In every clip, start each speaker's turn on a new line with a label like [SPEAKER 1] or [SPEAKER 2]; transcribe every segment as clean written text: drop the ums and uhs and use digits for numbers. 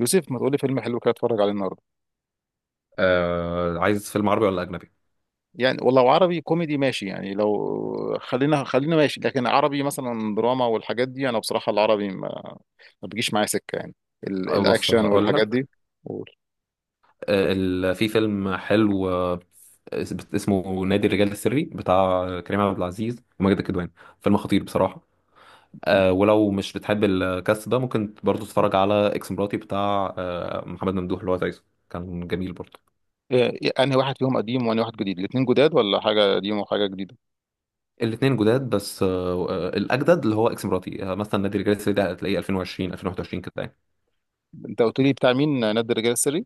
[SPEAKER 1] يوسف، ما تقول لي فيلم حلو كده اتفرج عليه النهارده.
[SPEAKER 2] عايز فيلم عربي ولا أجنبي؟
[SPEAKER 1] يعني ولو عربي كوميدي ماشي، يعني لو خلينا ماشي، لكن عربي مثلا دراما والحاجات دي انا بصراحه العربي ما بيجيش معايا سكه يعني.
[SPEAKER 2] بص
[SPEAKER 1] الاكشن
[SPEAKER 2] هقول
[SPEAKER 1] والحاجات
[SPEAKER 2] لك.
[SPEAKER 1] دي. قول.
[SPEAKER 2] في فيلم حلو اسمه نادي الرجال السري بتاع كريم عبد العزيز وماجد الكدواني. فيلم خطير بصراحة. ولو مش بتحب الكاست ده ممكن برضو تتفرج على اكس مراتي بتاع محمد ممدوح اللي هو تايسون، كان جميل برضو.
[SPEAKER 1] إيه، انهي واحد فيهم قديم وانهي واحد جديد؟ الاثنين جداد ولا حاجه قديم وحاجه جديده؟
[SPEAKER 2] الاثنين جداد بس الاجدد اللي هو اكس مراتي. مثلا نادي الرجال السري ده هتلاقيه 2020 2021 كده يعني.
[SPEAKER 1] انت قلت لي بتاع مين نادي الرجال السري؟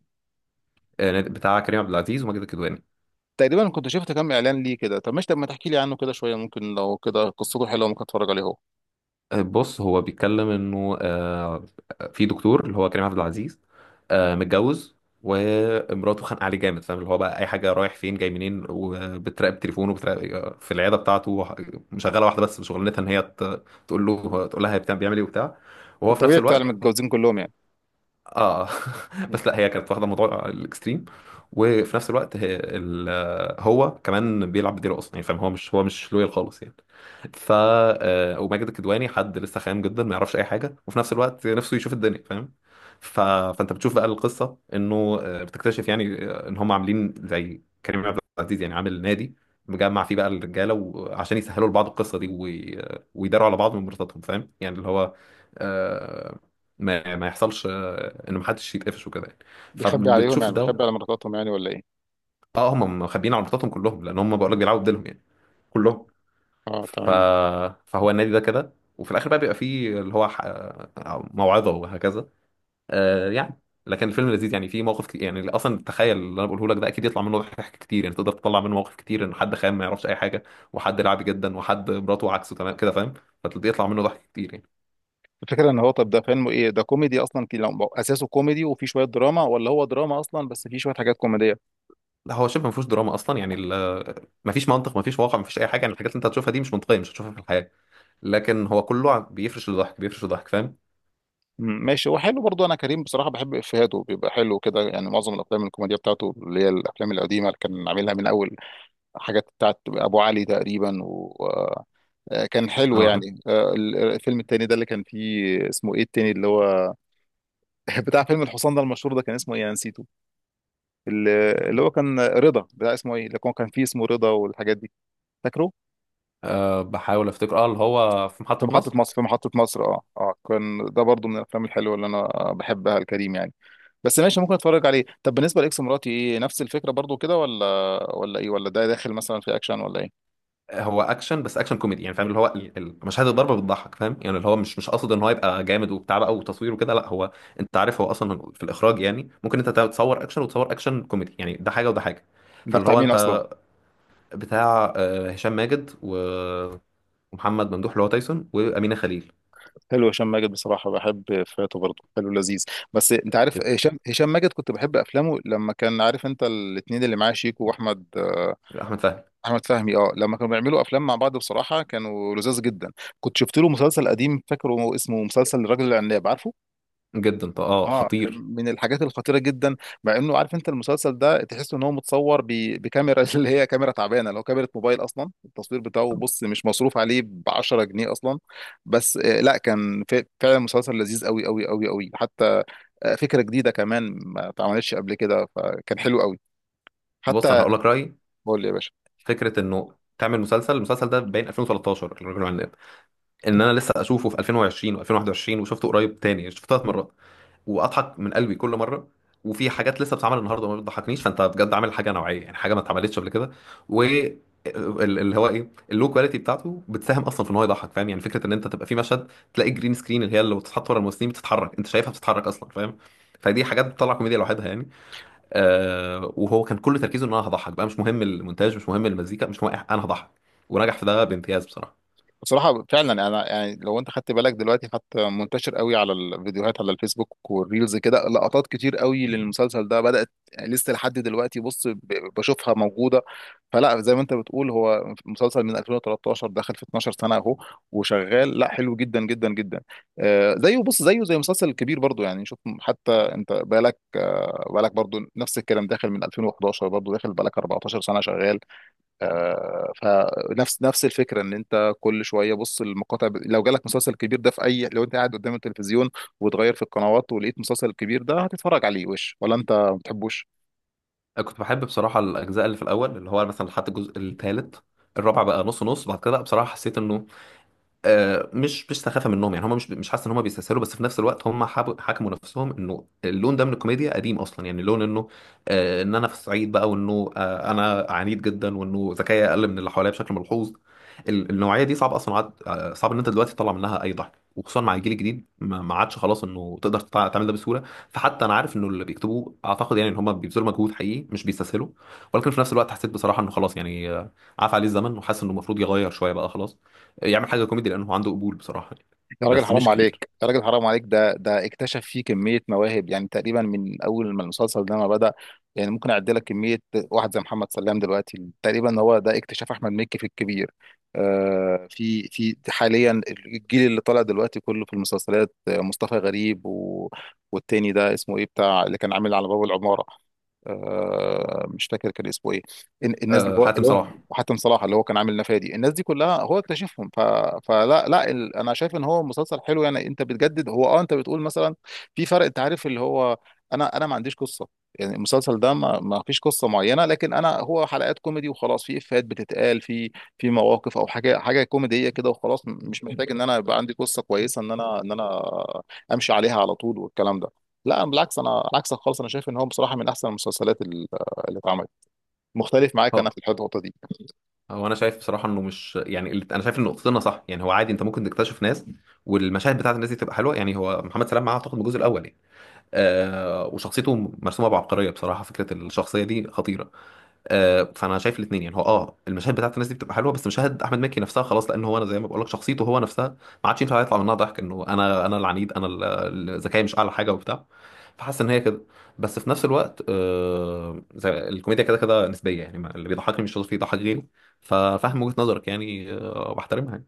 [SPEAKER 2] بتاع كريم عبد العزيز وماجد الكدواني.
[SPEAKER 1] تقريبا كنت شفت كام اعلان ليه كده. طب ماشي، طب ما تحكي لي عنه كده شويه، ممكن لو كده قصته حلوه ممكن اتفرج عليه هو.
[SPEAKER 2] بص، هو بيتكلم انه، في دكتور اللي هو كريم عبد العزيز، متجوز، ومراته خانقه عليه جامد، فاهم؟ اللي هو بقى اي حاجه رايح فين جاي منين، وبتراقب تليفونه، وبتراقب في العياده بتاعته. مشغله واحده، بس شغلانتها ان هي تقول له تقول لها هي بيعمل ايه وبتاع، وهو في نفس
[SPEAKER 1] الطبيعي بتاع
[SPEAKER 2] الوقت.
[SPEAKER 1] المتجوزين كلهم يعني.
[SPEAKER 2] اه.
[SPEAKER 1] مم.
[SPEAKER 2] بس لا، هي كانت واخده موضوع الاكستريم، وفي نفس الوقت هو كمان بيلعب بديله اصلا يعني. فاهم؟ هو مش، هو مش لويال خالص يعني. ف آه، وماجد الكدواني حد لسه خام جدا، ما يعرفش اي حاجه، وفي نفس الوقت نفسه يشوف الدنيا. فاهم؟ فانت بتشوف بقى القصه، انه بتكتشف يعني ان هم عاملين زي كريم عبد العزيز. يعني عامل نادي مجمع فيه بقى الرجاله، وعشان يسهلوا لبعض القصه دي ويداروا على بعض من مرتبطاتهم. فاهم يعني؟ اللي هو آه، ما يحصلش، ان محدش يتقفش وكده يعني.
[SPEAKER 1] بيخبي عليهم
[SPEAKER 2] فبتشوف
[SPEAKER 1] يعني،
[SPEAKER 2] ده.
[SPEAKER 1] بيخبي على مراتاتهم يعني، ولا ايه؟
[SPEAKER 2] اه، هم مخبيين عملتاتهم كلهم، لان هم، بقول لك، بيلعبوا بديلهم يعني، كلهم.
[SPEAKER 1] اه
[SPEAKER 2] ف...
[SPEAKER 1] تمام.
[SPEAKER 2] فهو النادي ده كده، وفي الاخر بقى بيبقى فيه اللي هو ح... آه، موعظه وهكذا، يعني. لكن الفيلم لذيذ يعني، فيه مواقف كتير يعني. اصلا تخيل اللي انا بقوله لك ده، اكيد يطلع منه ضحك كتير يعني. تقدر تطلع منه مواقف كتير، ان حد خام ما يعرفش اي حاجه، وحد لعبي جدا، وحد مراته عكسه تمام كده. فاهم؟ فبيطلع منه ضحك كتير يعني.
[SPEAKER 1] الفكرة ان هو، طب ده فيلم ايه ده، كوميدي اصلا لو اساسه كوميدي وفي شوية دراما، ولا هو دراما اصلا بس فيه شوية حاجات كوميدية؟
[SPEAKER 2] لا، هو شبه ما فيهوش دراما اصلا يعني. ما فيش منطق، ما فيش واقع، ما فيش اي حاجه يعني. الحاجات اللي انت هتشوفها دي مش منطقيه، مش هتشوفها في الحياه، لكن هو كله بيفرش لضحك فاهم؟
[SPEAKER 1] ماشي، هو حلو برضو. انا كريم بصراحة بحب افيهاته، بيبقى حلو كده يعني، معظم الافلام الكوميدية بتاعته اللي هي الافلام القديمة اللي كان عاملها من اول حاجات بتاعت ابو علي تقريبا، وكان حلو
[SPEAKER 2] اه.
[SPEAKER 1] يعني. الفيلم التاني ده اللي كان فيه اسمه ايه، التاني اللي هو بتاع فيلم الحصان ده المشهور ده، كان اسمه ايه، انا نسيته. اللي هو كان رضا، بتاع اسمه ايه اللي هو كان فيه اسمه رضا والحاجات دي، فاكره؟
[SPEAKER 2] بحاول افتكر. اه اللي هو في
[SPEAKER 1] في
[SPEAKER 2] محطه
[SPEAKER 1] محطة
[SPEAKER 2] مصر.
[SPEAKER 1] مصر، في محطة مصر، اه اه، كان ده برضو من الافلام الحلوة اللي انا بحبها الكريم يعني. بس ماشي، ممكن اتفرج عليه. طب بالنسبة لاكس مراتي، ايه، نفس الفكرة برضو كده، ولا ايه، ولا ده داخل مثلا في اكشن ولا ايه؟
[SPEAKER 2] هو اكشن، بس اكشن كوميدي يعني. فاهم؟ اللي هو مشاهد الضربه بتضحك. فاهم يعني؟ اللي هو مش قاصد ان هو يبقى جامد وبتاع بقى وتصوير وكده، لا. هو، انت عارف، هو اصلا في الاخراج يعني، ممكن انت تصور اكشن وتصور اكشن كوميدي يعني. ده حاجه وده حاجه.
[SPEAKER 1] ده
[SPEAKER 2] فاللي
[SPEAKER 1] بتاع
[SPEAKER 2] هو
[SPEAKER 1] مين اصلا؟
[SPEAKER 2] انت، بتاع هشام ماجد ومحمد ممدوح اللي هو تايسون، وامينه خليل.
[SPEAKER 1] حلو، هشام ماجد بصراحة بحب فاته برضو، حلو لذيذ. بس انت عارف هشام، ماجد كنت بحب افلامه، لما كان عارف انت الاتنين اللي معاه شيكو واحمد،
[SPEAKER 2] احمد فهمي.
[SPEAKER 1] احمد فهمي اه، لما كانوا بيعملوا افلام مع بعض بصراحة كانوا لذاذ جدا. كنت شفت له مسلسل قديم، فاكره اسمه، مسلسل الرجل العناب، عارفه؟
[SPEAKER 2] جدا، طب اه،
[SPEAKER 1] اه،
[SPEAKER 2] خطير.
[SPEAKER 1] من الحاجات الخطيره جدا. مع انه، عارف انت المسلسل ده تحس ان هو متصور بكاميرا اللي هي كاميرا تعبانه، لو كاميرا موبايل اصلا، التصوير بتاعه بص مش مصروف عليه ب 10 جنيه اصلا. بس لا كان فعلا مسلسل لذيذ قوي قوي قوي قوي حتى. فكره جديده كمان ما اتعملتش قبل كده، فكان حلو قوي
[SPEAKER 2] بص، انا
[SPEAKER 1] حتى.
[SPEAKER 2] هقول لك رايي.
[SPEAKER 1] قول لي يا باشا.
[SPEAKER 2] فكره انه تعمل المسلسل ده باين 2013، الرجل العناب، ان انا لسه اشوفه في 2020 و2021، وشفته قريب، تاني شفته 3 مرات، واضحك من قلبي كل مره. وفي حاجات لسه بتتعمل النهارده ما بتضحكنيش. فانت بجد عامل حاجه نوعيه يعني، حاجه ما اتعملتش قبل كده. و اللي هو ايه، اللو كواليتي بتاعته بتساهم اصلا في ان هو يضحك. فاهم يعني؟ فكره ان انت تبقى في مشهد تلاقي جرين سكرين، اللي هي اللي بتتحط ورا الممثلين بتتحرك، انت شايفها بتتحرك اصلا. فاهم؟ فدي حاجات بتطلع كوميديا لوحدها يعني. وهو كان كل تركيزه ان انا هضحك بقى، مش مهم المونتاج، مش مهم المزيكا، مش مهم أي حاجة، انا هضحك. ونجح في ده بامتياز بصراحه.
[SPEAKER 1] بصراحة فعلا انا يعني، لو انت خدت بالك دلوقتي حتى، منتشر قوي على الفيديوهات، على الفيسبوك والريلز كده، لقطات كتير قوي للمسلسل ده بدأت لسه لحد دلوقتي، بص بشوفها موجودة. فلا، زي ما انت بتقول، هو مسلسل من 2013، داخل في 12 سنة اهو وشغال، لا حلو جدا جدا جدا. آه زيه، بص زيه زي مسلسل كبير برضو يعني، شوف حتى انت بالك، آه بالك برضو نفس الكلام، داخل من 2011 برضو، داخل بالك 14 سنة شغال. آه، فنفس الفكره ان انت كل شويه بص المقاطع، لو جالك مسلسل كبير ده في اي، لو انت قاعد قدام التلفزيون وتغير في القنوات ولقيت مسلسل كبير ده، هتتفرج عليه وش ولا انت ما بتحبوش؟
[SPEAKER 2] أنا كنت بحب بصراحه الاجزاء اللي في الاول، اللي هو مثلا لحد الجزء الثالث. الرابع بقى نص نص. بعد كده بقى، بصراحه حسيت انه مش، مش سخافه منهم يعني. هم مش حاسس ان هم بيستسهلوا، بس في نفس الوقت هم حكموا نفسهم انه اللون ده من الكوميديا قديم اصلا يعني. اللون انه ان انا في الصعيد بقى، وانه انا عنيد جدا، وانه ذكائي اقل من اللي حواليا بشكل ملحوظ. النوعيه دي صعب اصلا عاد، صعب ان انت دلوقتي تطلع منها اي ضحك، وخصوصا مع الجيل الجديد ما عادش خلاص انه تقدر تعمل ده بسهوله. فحتى انا عارف انه اللي بيكتبوه، اعتقد يعني ان هم بيبذلوا مجهود حقيقي، مش بيستسهلوا، ولكن في نفس الوقت حسيت بصراحه انه خلاص يعني، عاف عليه الزمن، وحاسس انه المفروض يغير شويه بقى خلاص، يعمل حاجه كوميدي لانه هو عنده قبول بصراحه يعني.
[SPEAKER 1] يا راجل
[SPEAKER 2] بس
[SPEAKER 1] حرام
[SPEAKER 2] مش كبير.
[SPEAKER 1] عليك، يا راجل حرام عليك، ده اكتشف فيه كمية مواهب يعني، تقريبا من أول ما المسلسل ده ما بدأ. يعني ممكن أعد لك كمية. واحد زي محمد سلام دلوقتي، تقريبا هو ده اكتشاف أحمد مكي في الكبير. آه، في حاليا الجيل اللي طالع دلوقتي كله في المسلسلات، مصطفى غريب، و والتاني ده اسمه إيه بتاع اللي كان عامل على باب العمارة، آه مش فاكر كان اسمه إيه، الناس اللي هو.
[SPEAKER 2] حاتم صلاح.
[SPEAKER 1] وحاتم صلاح اللي هو كان عامل نفادي، الناس دي كلها هو اكتشفهم. فلا لا، انا شايف ان هو مسلسل حلو يعني، انت بتجدد. هو اه، انت بتقول مثلا في فرق، انت عارف اللي هو، انا ما عنديش قصه يعني، المسلسل ده ما فيش قصه معينه، لكن انا هو حلقات كوميدي وخلاص، في افيهات بتتقال في في مواقف او حاجه، حاجه كوميديه كده وخلاص، مش محتاج ان انا يبقى عندي قصه كويسه، ان انا امشي عليها على طول والكلام ده. لا بالعكس، انا عكسك خالص، انا شايف ان هو بصراحه من احسن المسلسلات اللي اتعملت. مختلف معاك انا
[SPEAKER 2] اه
[SPEAKER 1] في الحته دي.
[SPEAKER 2] هو انا شايف بصراحه انه مش يعني انا شايف ان نقطتنا صح يعني. هو عادي، انت ممكن تكتشف ناس، والمشاهد بتاعت الناس دي تبقى حلوه يعني. هو محمد سلام معاه اعتقد من الجزء الاول يعني. وشخصيته مرسومه بعبقريه بصراحه. فكره الشخصيه دي خطيره. فانا شايف الاثنين يعني. هو المشاهد بتاعت الناس دي بتبقى حلوه، بس مشاهد احمد مكي نفسها خلاص، لان هو، انا زي ما بقول لك، شخصيته هو نفسها ما عادش ينفع يطلع منها ضحك. انه انا العنيد، انا ذكائي مش اعلى حاجه وبتاع. فحاسس ان هي كده. بس في نفس الوقت زي الكوميديا كده كده نسبيه يعني. اللي بيضحكني مش شرط يضحك غيري. ففاهم وجهه نظرك يعني، وبحترمها يعني.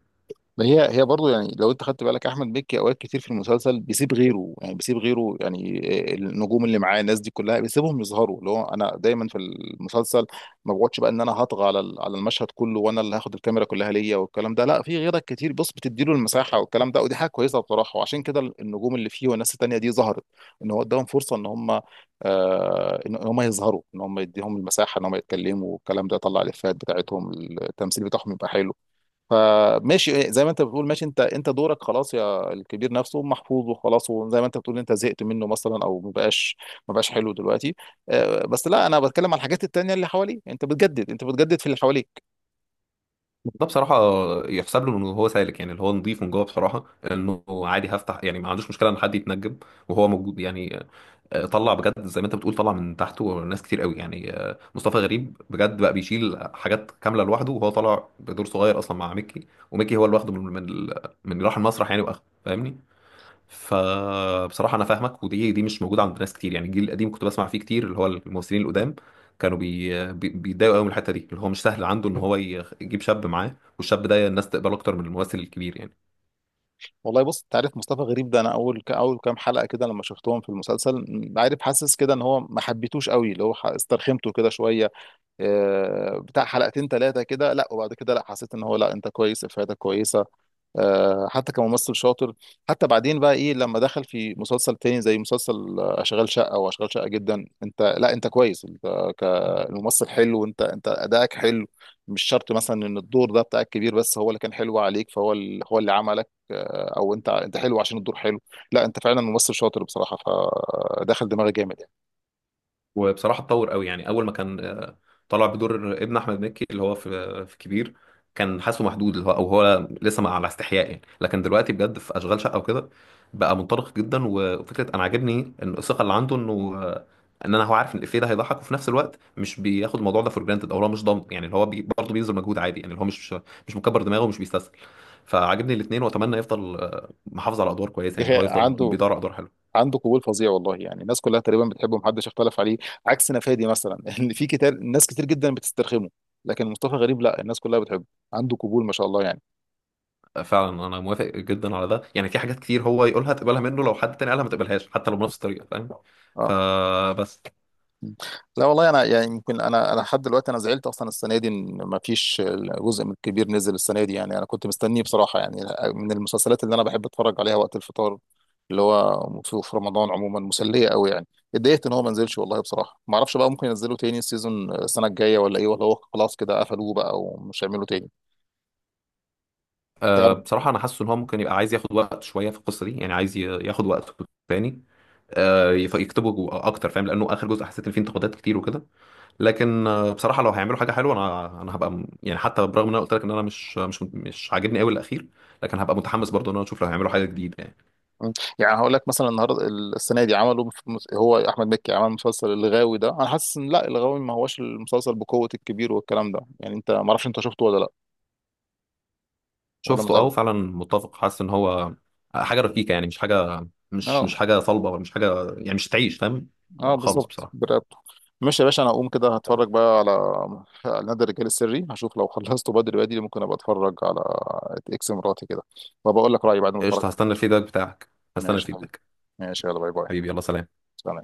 [SPEAKER 1] ما هي هي برضه يعني، لو انت خدت بالك احمد مكي اوقات كتير في المسلسل بيسيب غيره، يعني بيسيب غيره يعني، النجوم اللي معاه الناس دي كلها بيسيبهم يظهروا. اللي هو انا دايما في المسلسل ما بقعدش بقى ان انا هطغى على على المشهد كله، وانا اللي هاخد الكاميرا كلها ليا والكلام ده، لا في غيرك كتير بص، بتديله المساحه والكلام ده، ودي حاجه كويسه بصراحه، وعشان كده النجوم اللي فيه والناس التانيه دي ظهرت، ان هو اداهم فرصه ان هم، ان هم يظهروا، ان هم يديهم المساحه، ان هم يتكلموا والكلام ده، طلع الافيهات بتاعتهم، التمثيل بتاعهم يبقى حلو. فماشي، إيه، زي ما انت بتقول ماشي، انت دورك خلاص يا الكبير، نفسه محفوظ وخلاص، وزي ما انت بتقول انت زهقت منه مثلا، او ما بقاش حلو دلوقتي. بس لا، انا بتكلم على الحاجات التانية اللي حواليك، انت بتجدد، انت بتجدد في اللي حواليك.
[SPEAKER 2] ده بصراحه يحسب له انه هو سالك يعني، اللي هو نظيف من جوه بصراحه، انه عادي هفتح يعني، ما عندوش مشكله ان حد يتنجم وهو موجود يعني. طلع بجد زي ما انت بتقول، طلع من تحته ناس كتير قوي يعني. مصطفى غريب بجد بقى بيشيل حاجات كامله لوحده، وهو طالع بدور صغير اصلا مع ميكي. وميكي هو اللي واخده من اللي راح المسرح يعني، واخده. فاهمني؟ فبصراحه انا فاهمك، ودي مش موجوده عند ناس كتير يعني. الجيل القديم كنت بسمع فيه كتير، اللي هو الممثلين القدام كانوا بيتضايقوا قوي من الحته دي، اللي هو مش سهل عنده ان هو يجيب شاب معاه، والشاب ده الناس تقبله اكتر من الممثل الكبير يعني.
[SPEAKER 1] والله بص، انت عارف مصطفى غريب ده، انا اول اول كام حلقة كده لما شفتهم في المسلسل، عارف، حاسس كده ان هو ما حبيتوش قوي، اللي هو استرخمته كده شوية. بتاع حلقتين ثلاثة كده، لا وبعد كده لا حسيت ان هو لا انت كويس، افادة كويسة. حتى كممثل شاطر. حتى بعدين بقى ايه لما دخل في مسلسل تاني زي مسلسل، اشغال شقة، واشغال شقة جدا، انت لا انت كويس، انت كممثل حلو، وانت ادائك حلو. مش شرط مثلا ان الدور ده بتاعك كبير، بس هو اللي كان حلو عليك، فهو هو اللي عملك، او انت حلو عشان الدور حلو. لا انت فعلا ممثل شاطر بصراحة، فدخل دماغي جامد يعني.
[SPEAKER 2] وبصراحه اتطور قوي يعني. اول ما كان طلع بدور ابن احمد مكي اللي هو في كبير. كان حاسه محدود، اللي هو، او هو لسه مع على استحياء يعني، لكن دلوقتي بجد في اشغال شقه وكده بقى منطلق جدا. وفكره انا عاجبني ان الثقه اللي عنده، انه ان انا، هو عارف ان الافيه ده هيضحك، وفي نفس الوقت مش بياخد الموضوع ده فور جرانتد، او هو مش ضامن يعني. اللي هو برضه بيبذل مجهود عادي يعني، اللي هو مش مكبر دماغه، ومش بيستسهل. فعاجبني الاثنين. واتمنى يفضل محافظ على ادوار كويسه يعني، اللي هو
[SPEAKER 1] إيه،
[SPEAKER 2] يفضل
[SPEAKER 1] عنده
[SPEAKER 2] بيدور على ادوار حلوه.
[SPEAKER 1] عنده قبول فظيع والله يعني، الناس كلها تقريبا بتحبه، محدش اختلف عليه. عكس نفادي مثلا ان في كتير، ناس كتير جدا بتسترخمه، لكن مصطفى غريب لا الناس كلها بتحبه، عنده قبول ما شاء الله يعني.
[SPEAKER 2] فعلا انا موافق جدا على ده يعني. في حاجات كتير هو يقولها تقبلها منه، لو حد تاني قالها ما تقبلهاش حتى لو بنفس الطريقه. فاهم؟
[SPEAKER 1] اه.
[SPEAKER 2] فبس.
[SPEAKER 1] مم. لا والله، انا يعني يمكن انا، لحد دلوقتي انا زعلت اصلا السنه دي ان ما فيش جزء من الكبير نزل السنه دي يعني، انا كنت مستنيه بصراحه يعني، من المسلسلات اللي انا بحب اتفرج عليها وقت الفطار، اللي هو في رمضان عموما مسليه قوي يعني. اتضايقت ان هو ما نزلش والله بصراحه، ما اعرفش بقى، ممكن ينزلوا تاني السيزون السنه الجايه ولا ايه، ولا هو خلاص كده قفلوه بقى ومش هيعملوا تاني؟
[SPEAKER 2] بصراحه انا حاسس ان هو ممكن يبقى عايز ياخد وقت شويه في القصه دي يعني، عايز ياخد وقته تاني. يكتبه اكتر. فاهم؟ لانه اخر جزء حسيت ان فيه انتقادات كتير وكده. لكن بصراحه لو هيعملوا حاجه حلوه، انا هبقى يعني، حتى برغم ان انا قلت لك ان انا مش، مش عاجبني قوي الاخير، لكن هبقى متحمس برضه ان انا اشوف لو هيعملوا حاجه جديده يعني.
[SPEAKER 1] مم. يعني هقول لك مثلا، النهارده السنه دي عملوا هو احمد مكي عمل مسلسل الغاوي ده، انا حاسس ان لا، الغاوي ما هوش المسلسل بقوه الكبير والكلام ده يعني، انت ما اعرفش انت شفته ولا لا، ولا ما
[SPEAKER 2] شفته. اه،
[SPEAKER 1] تعرف؟
[SPEAKER 2] فعلا متفق. حاسس ان هو حاجه رفيقه يعني، مش حاجه، مش
[SPEAKER 1] اه.
[SPEAKER 2] حاجه صلبه ولا مش حاجه يعني، مش تعيش. فاهم؟
[SPEAKER 1] اه
[SPEAKER 2] خالص
[SPEAKER 1] بالظبط
[SPEAKER 2] بصراحه.
[SPEAKER 1] برقبته. ماشي يا باشا، انا هقوم كده هتفرج بقى على، على نادي الرجال السري، هشوف لو خلصته بدري بدري، ممكن ابقى اتفرج على اكس مراتي كده، وبقول لك رايي بعد ما اتفرج
[SPEAKER 2] قشطه،
[SPEAKER 1] عليه.
[SPEAKER 2] هستنى الفيدباك بتاعك. هستنى
[SPEAKER 1] ماشي يا حبيبي.
[SPEAKER 2] الفيدباك.
[SPEAKER 1] ماشي يلا باي باي.
[SPEAKER 2] حبيبي، يلا سلام.
[SPEAKER 1] سلام.